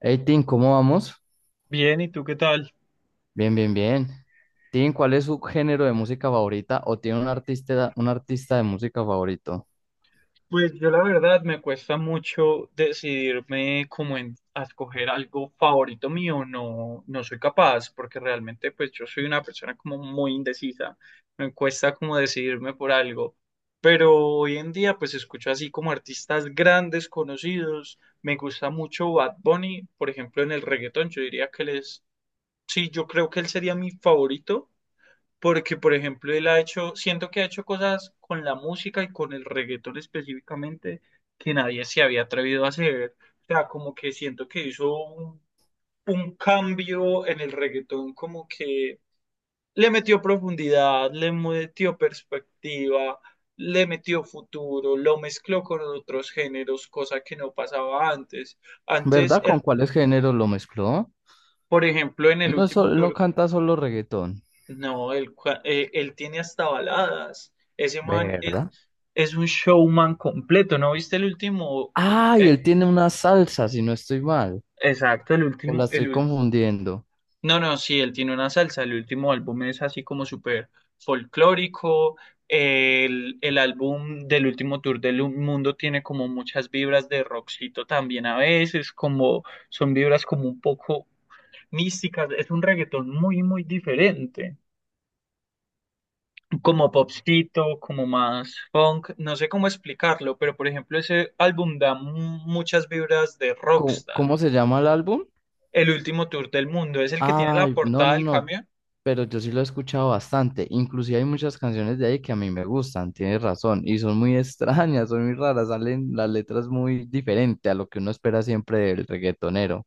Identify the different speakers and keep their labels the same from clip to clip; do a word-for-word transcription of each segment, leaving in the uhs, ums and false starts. Speaker 1: Hey, Tim, ¿cómo vamos?
Speaker 2: Bien, ¿y tú qué tal?
Speaker 1: Bien, bien, bien. Tim, ¿cuál es su género de música favorita o tiene un artista, un artista de música favorito?
Speaker 2: Pues yo la verdad me cuesta mucho decidirme como en a escoger algo favorito mío, no, no soy capaz, porque realmente pues yo soy una persona como muy indecisa, me cuesta como decidirme por algo, pero hoy en día pues escucho así como artistas grandes, conocidos, me gusta mucho Bad Bunny, por ejemplo en el reggaetón, yo diría que él es, sí, yo creo que él sería mi favorito, porque por ejemplo él ha hecho, siento que ha hecho cosas con la música y con el reggaetón específicamente que nadie se había atrevido a hacer. O sea, como que siento que hizo un, un, cambio en el reggaetón, como que le metió profundidad, le metió perspectiva, le metió futuro, lo mezcló con otros géneros, cosa que no pasaba antes. Antes,
Speaker 1: ¿Verdad? ¿Con
Speaker 2: él,
Speaker 1: cuáles géneros lo mezcló?
Speaker 2: por ejemplo, en
Speaker 1: Él
Speaker 2: el
Speaker 1: no, es sol-
Speaker 2: último
Speaker 1: él no
Speaker 2: tour,
Speaker 1: canta solo reggaetón,
Speaker 2: no, él, cua- eh, él tiene hasta baladas. Ese man, eh,
Speaker 1: ¿verdad?
Speaker 2: es un showman completo. ¿No viste el último?
Speaker 1: Ah, y
Speaker 2: Eh,
Speaker 1: él tiene una salsa, si no estoy mal,
Speaker 2: exacto, el
Speaker 1: o la
Speaker 2: último, el
Speaker 1: estoy
Speaker 2: ul-
Speaker 1: confundiendo.
Speaker 2: No, no, sí, él tiene una salsa, el último álbum es así como súper folclórico, el, el álbum del último tour del mundo tiene como muchas vibras de rockcito también a veces, como son vibras como un poco místicas, es un reggaetón muy, muy diferente. Como popcito, como más funk, no sé cómo explicarlo, pero por ejemplo ese álbum da mu- muchas vibras de
Speaker 1: ¿Cómo,
Speaker 2: Rockstar,
Speaker 1: cómo se llama el álbum?
Speaker 2: el último tour del mundo, es el que tiene la
Speaker 1: Ay, no,
Speaker 2: portada
Speaker 1: no,
Speaker 2: del
Speaker 1: no,
Speaker 2: camión.
Speaker 1: pero yo sí lo he escuchado bastante. Inclusive hay muchas canciones de ahí que a mí me gustan, tienes razón, y son muy extrañas, son muy raras, salen las letras muy diferentes a lo que uno espera siempre del reggaetonero.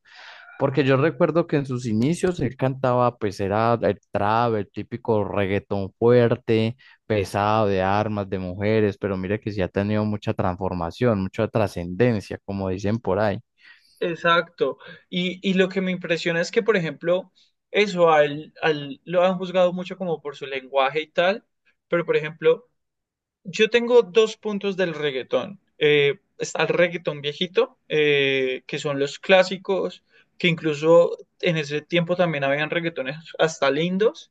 Speaker 1: Porque yo recuerdo que en sus inicios él cantaba, pues era el trap, el típico reggaetón fuerte, pesado, de armas, de mujeres, pero mira que sí ha tenido mucha transformación, mucha trascendencia, como dicen por ahí.
Speaker 2: Exacto. Y, y lo que me impresiona es que, por ejemplo, eso a él, a él, lo han juzgado mucho como por su lenguaje y tal, pero por ejemplo, yo tengo dos puntos del reggaetón. Eh, está el reggaetón viejito, eh, que son los clásicos, que incluso en ese tiempo también habían reggaetones hasta lindos.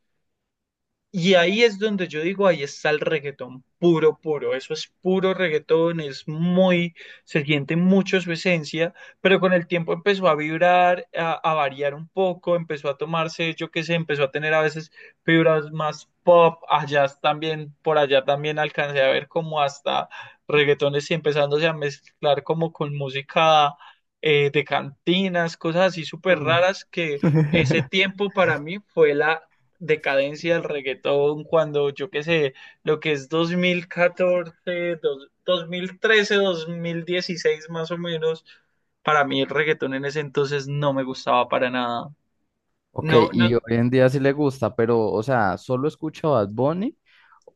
Speaker 2: Y ahí es donde yo digo, ahí está el reggaetón puro, puro. Eso es puro reggaetón, es muy, se siente mucho su esencia, pero con el tiempo empezó a vibrar, a, a variar un poco, empezó a tomarse, yo qué sé, empezó a tener a veces fibras más pop, allá también, por allá también alcancé a ver como hasta reggaetones y empezándose a mezclar como con música eh, de cantinas, cosas así súper raras que ese tiempo para mí fue la decadencia del reggaetón cuando yo qué sé, lo que es dos mil catorce, dos- 2013, dos mil dieciséis más o menos. Para mí el reggaetón en ese entonces no me gustaba para nada.
Speaker 1: Ok,
Speaker 2: No,
Speaker 1: y
Speaker 2: no,
Speaker 1: hoy en día sí le gusta, pero, o sea, ¿solo escucha Bad Bunny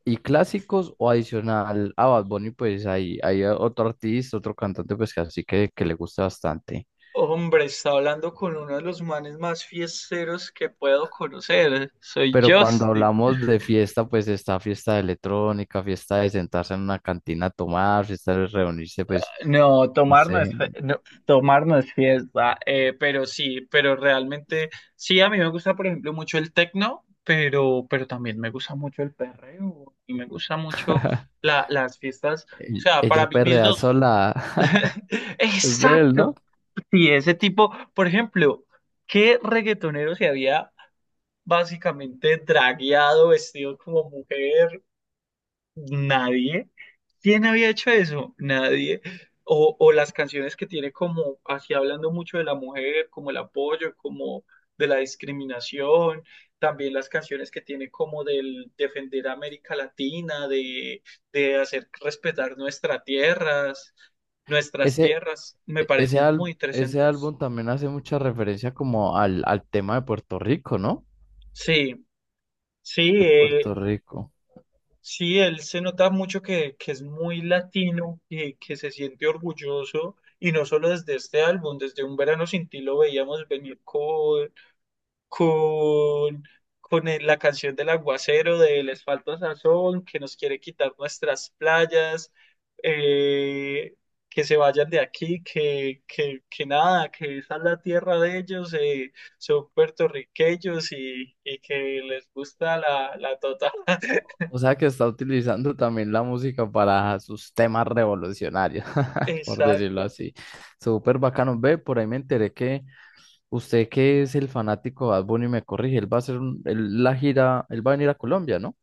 Speaker 1: y clásicos o adicional a Bad Bunny, pues hay, hay otro artista, otro cantante, pues que así que, que le gusta bastante?
Speaker 2: hombre, está hablando con uno de los manes más fiesteros que puedo conocer. Soy
Speaker 1: Pero cuando
Speaker 2: Justin.
Speaker 1: hablamos de fiesta, pues está fiesta de electrónica, fiesta de sentarse en una cantina a tomar, fiesta de reunirse, pues,
Speaker 2: No,
Speaker 1: no
Speaker 2: tomar no
Speaker 1: sé,
Speaker 2: es, fe- no, tomar no es fiesta, eh, pero sí, pero realmente, sí, a mí me gusta, por ejemplo, mucho el tecno, pero, pero, también me gusta mucho el perreo y me gusta mucho la, las fiestas, o
Speaker 1: e-
Speaker 2: sea,
Speaker 1: ella
Speaker 2: para mí mis
Speaker 1: perrea
Speaker 2: dos,
Speaker 1: sola, es de él, ¿no?
Speaker 2: exacto, sí, ese tipo, por ejemplo, ¿qué reggaetonero se había básicamente dragueado, vestido como mujer? Nadie. ¿Quién había hecho eso? Nadie. O, o, las canciones que tiene como, así hablando mucho de la mujer, como el apoyo, como de la discriminación, también las canciones que tiene como del defender a América Latina, de, de, hacer respetar nuestras tierras, nuestras
Speaker 1: Ese,
Speaker 2: tierras, me
Speaker 1: ese,
Speaker 2: parecen
Speaker 1: al-
Speaker 2: muy
Speaker 1: ese
Speaker 2: interesantes.
Speaker 1: álbum también hace mucha referencia como al, al tema de Puerto Rico, ¿no?
Speaker 2: Sí, sí,
Speaker 1: De
Speaker 2: eh,
Speaker 1: Puerto Rico.
Speaker 2: sí, él se nota mucho que, que es muy latino, y que se siente orgulloso, y no solo desde este álbum, desde Un Verano Sin Ti lo veíamos venir con, con, con el- la canción del aguacero, de Les falta sazón, que nos quiere quitar nuestras playas, eh, que se vayan de aquí, que, que, que, nada, que esa es la tierra de ellos, eh, son puertorriqueños y, y que les gusta la, la tota.
Speaker 1: O sea que está utilizando también la música para sus temas revolucionarios, por decirlo
Speaker 2: Exacto.
Speaker 1: así. Súper bacano. Ve, por ahí me enteré que usted que es el fanático de Bad Bunny me corrige, él va a hacer un- él- la gira, él va a venir a Colombia, ¿no?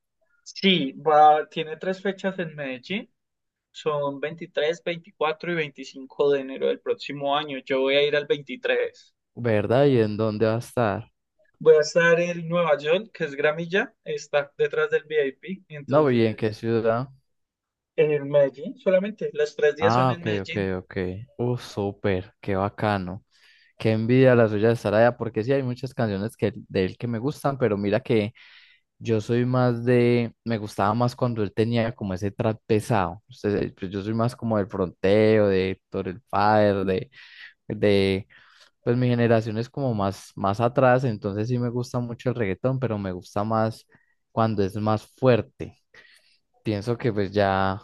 Speaker 2: Sí, va, tiene tres fechas en Medellín. Son veintitrés, veinticuatro y veinticinco de enero del próximo año. Yo voy a ir al veintitrés.
Speaker 1: ¿Verdad? ¿Y en dónde va a estar?
Speaker 2: Voy a estar en Nueva York, que es Gramilla, está detrás del vip.
Speaker 1: No, ¿y en qué
Speaker 2: Entonces,
Speaker 1: ciudad?
Speaker 2: en Medellín solamente. Los tres días son
Speaker 1: Ah,
Speaker 2: en
Speaker 1: ok, ok,
Speaker 2: Medellín.
Speaker 1: ok. Uh, súper, qué bacano. Qué envidia la suya de estar allá, porque sí hay muchas canciones que, de él que me gustan, pero mira que yo soy más de, me gustaba más cuando él tenía como ese trap pesado. Usted- pues yo soy más como del fronteo, de Héctor el Father, de, de, pues mi generación es como más, más atrás, entonces sí me gusta mucho el reggaetón, pero me gusta más cuando es más fuerte. Pienso que pues ya,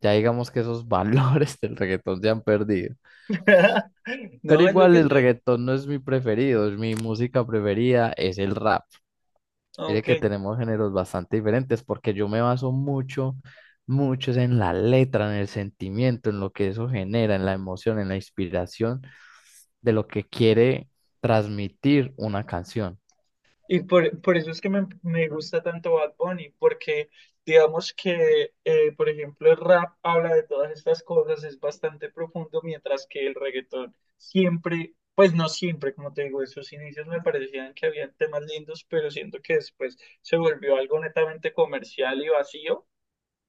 Speaker 1: ya digamos que esos valores del reggaetón se han perdido. Pero
Speaker 2: No, es lo
Speaker 1: igual
Speaker 2: que
Speaker 1: el
Speaker 2: yo,
Speaker 1: reggaetón no es mi preferido, es mi música preferida es el rap. Mire
Speaker 2: ok.
Speaker 1: que tenemos géneros bastante diferentes porque yo me baso mucho, mucho es en la letra, en el sentimiento, en lo que eso genera, en la emoción, en la inspiración de lo que quiere transmitir una canción.
Speaker 2: Y por, por eso es que me, me gusta tanto Bad Bunny, porque digamos que, eh, por ejemplo, el rap habla de todas estas cosas, es bastante profundo, mientras que el reggaetón siempre, pues no siempre, como te digo, esos inicios me parecían que habían temas lindos, pero siento que después se volvió algo netamente comercial y vacío,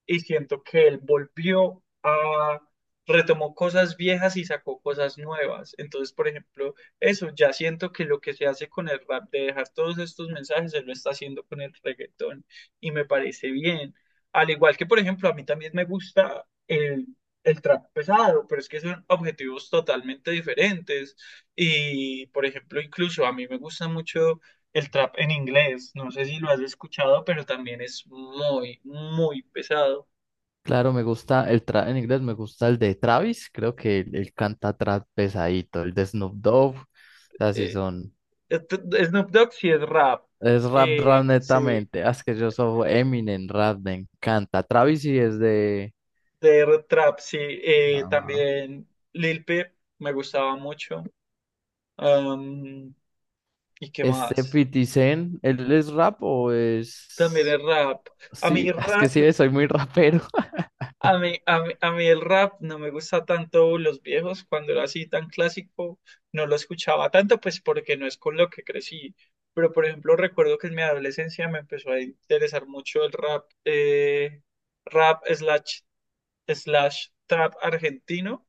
Speaker 2: y siento que él volvió a, retomó cosas viejas y sacó cosas nuevas. Entonces, por ejemplo, eso, ya siento que lo que se hace con el rap, de dejar todos estos mensajes, se lo está haciendo con el reggaetón y me parece bien. Al igual que, por ejemplo, a mí también me gusta el, el trap pesado, pero es que son objetivos totalmente diferentes. Y, por ejemplo, incluso a mí me gusta mucho el trap en inglés. No sé si lo has escuchado, pero también es muy, muy pesado.
Speaker 1: Claro, me gusta el tra en inglés, me gusta el de Travis, creo que él, él canta trap pesadito, el de Snoop Dogg, así
Speaker 2: eh,
Speaker 1: son,
Speaker 2: este- Snoop Dogg sí es rap,
Speaker 1: es rap rap
Speaker 2: eh, Sí,
Speaker 1: netamente, ah, es que yo soy Eminem rap, me encanta. Travis sí es de,
Speaker 2: de trap, sí, eh, también Lil Peep me gustaba mucho, am, y qué
Speaker 1: este
Speaker 2: más,
Speaker 1: cincuenta Cent, ¿él es rap o
Speaker 2: también
Speaker 1: es...?
Speaker 2: el rap. A mí
Speaker 1: Sí, es que
Speaker 2: rap,
Speaker 1: sí, soy muy rapero.
Speaker 2: a mí, a mí, a mí el rap no me gusta tanto los viejos, cuando era así tan clásico, no lo escuchaba tanto, pues porque no es con lo que crecí, pero por ejemplo recuerdo que en mi adolescencia me empezó a interesar mucho el rap, eh, rap slash slash trap argentino,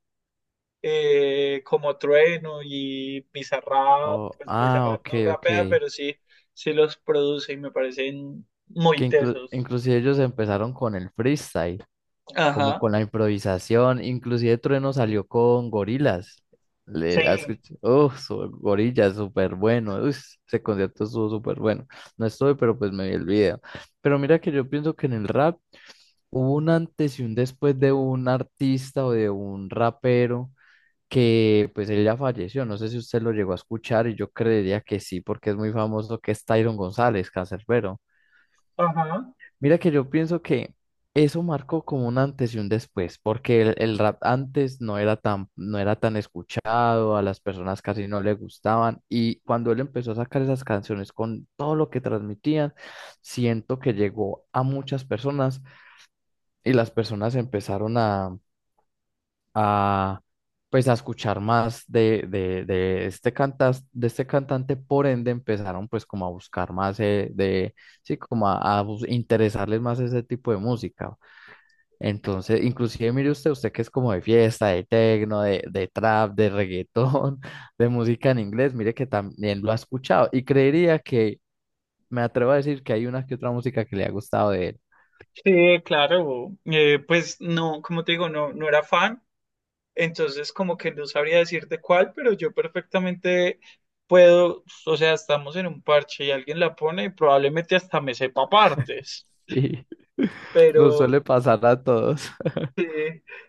Speaker 2: eh, como Trueno y Bizarrap,
Speaker 1: Oh,
Speaker 2: pues
Speaker 1: ah,
Speaker 2: Bizarrap
Speaker 1: ok,
Speaker 2: no
Speaker 1: ok.
Speaker 2: rapea, pero sí, sí los produce y me parecen
Speaker 1: Que
Speaker 2: muy
Speaker 1: inclu-
Speaker 2: tesos.
Speaker 1: inclusive ellos empezaron con el freestyle. Como
Speaker 2: Ajá,
Speaker 1: con la improvisación, inclusive Trueno salió con Gorilas. Le has
Speaker 2: sí,
Speaker 1: oh, Gorilla, súper bueno. Uy, ese concierto estuvo súper bueno. No estoy, pero pues me vi el video. Pero mira que yo pienso que en el rap hubo un antes y un después de un artista o de un rapero que pues él ya falleció. No sé si usted lo llegó a escuchar y yo creería que sí, porque es muy famoso, que es Tyron González, Canserbero.
Speaker 2: ajá,
Speaker 1: Mira que yo pienso que eso marcó como un antes y un después, porque el, el rap antes no era tan, no era tan escuchado, a las personas casi no le gustaban, y cuando él empezó a sacar esas canciones con todo lo que transmitían, siento que llegó a muchas personas y las personas empezaron a, a, pues a escuchar más de, de, de este cantas, de este cantante, por ende empezaron pues como a buscar más eh, de, sí, como a, a bus- interesarles más ese tipo de música. Entonces, inclusive mire usted, usted que es como de fiesta, de tecno, de, de trap, de reggaetón, de música en inglés, mire que también lo ha escuchado y creería que me atrevo a decir que hay una que otra música que le ha gustado de él.
Speaker 2: sí, claro. Eh, pues no, como te digo, no, no era fan, entonces como que no sabría decirte cuál, pero yo perfectamente puedo, o sea, estamos en un parche y alguien la pone y probablemente hasta me sepa partes,
Speaker 1: Sí. Nos suele
Speaker 2: pero
Speaker 1: pasar a todos.
Speaker 2: sí,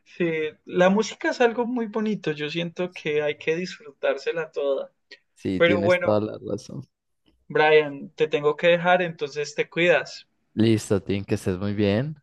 Speaker 2: sí, la música es algo muy bonito, yo siento que hay que disfrutársela toda.
Speaker 1: Sí,
Speaker 2: Pero
Speaker 1: tienes toda
Speaker 2: bueno,
Speaker 1: la razón.
Speaker 2: Brian, te tengo que dejar, entonces te cuidas.
Speaker 1: Listo, Tim, que estés muy bien.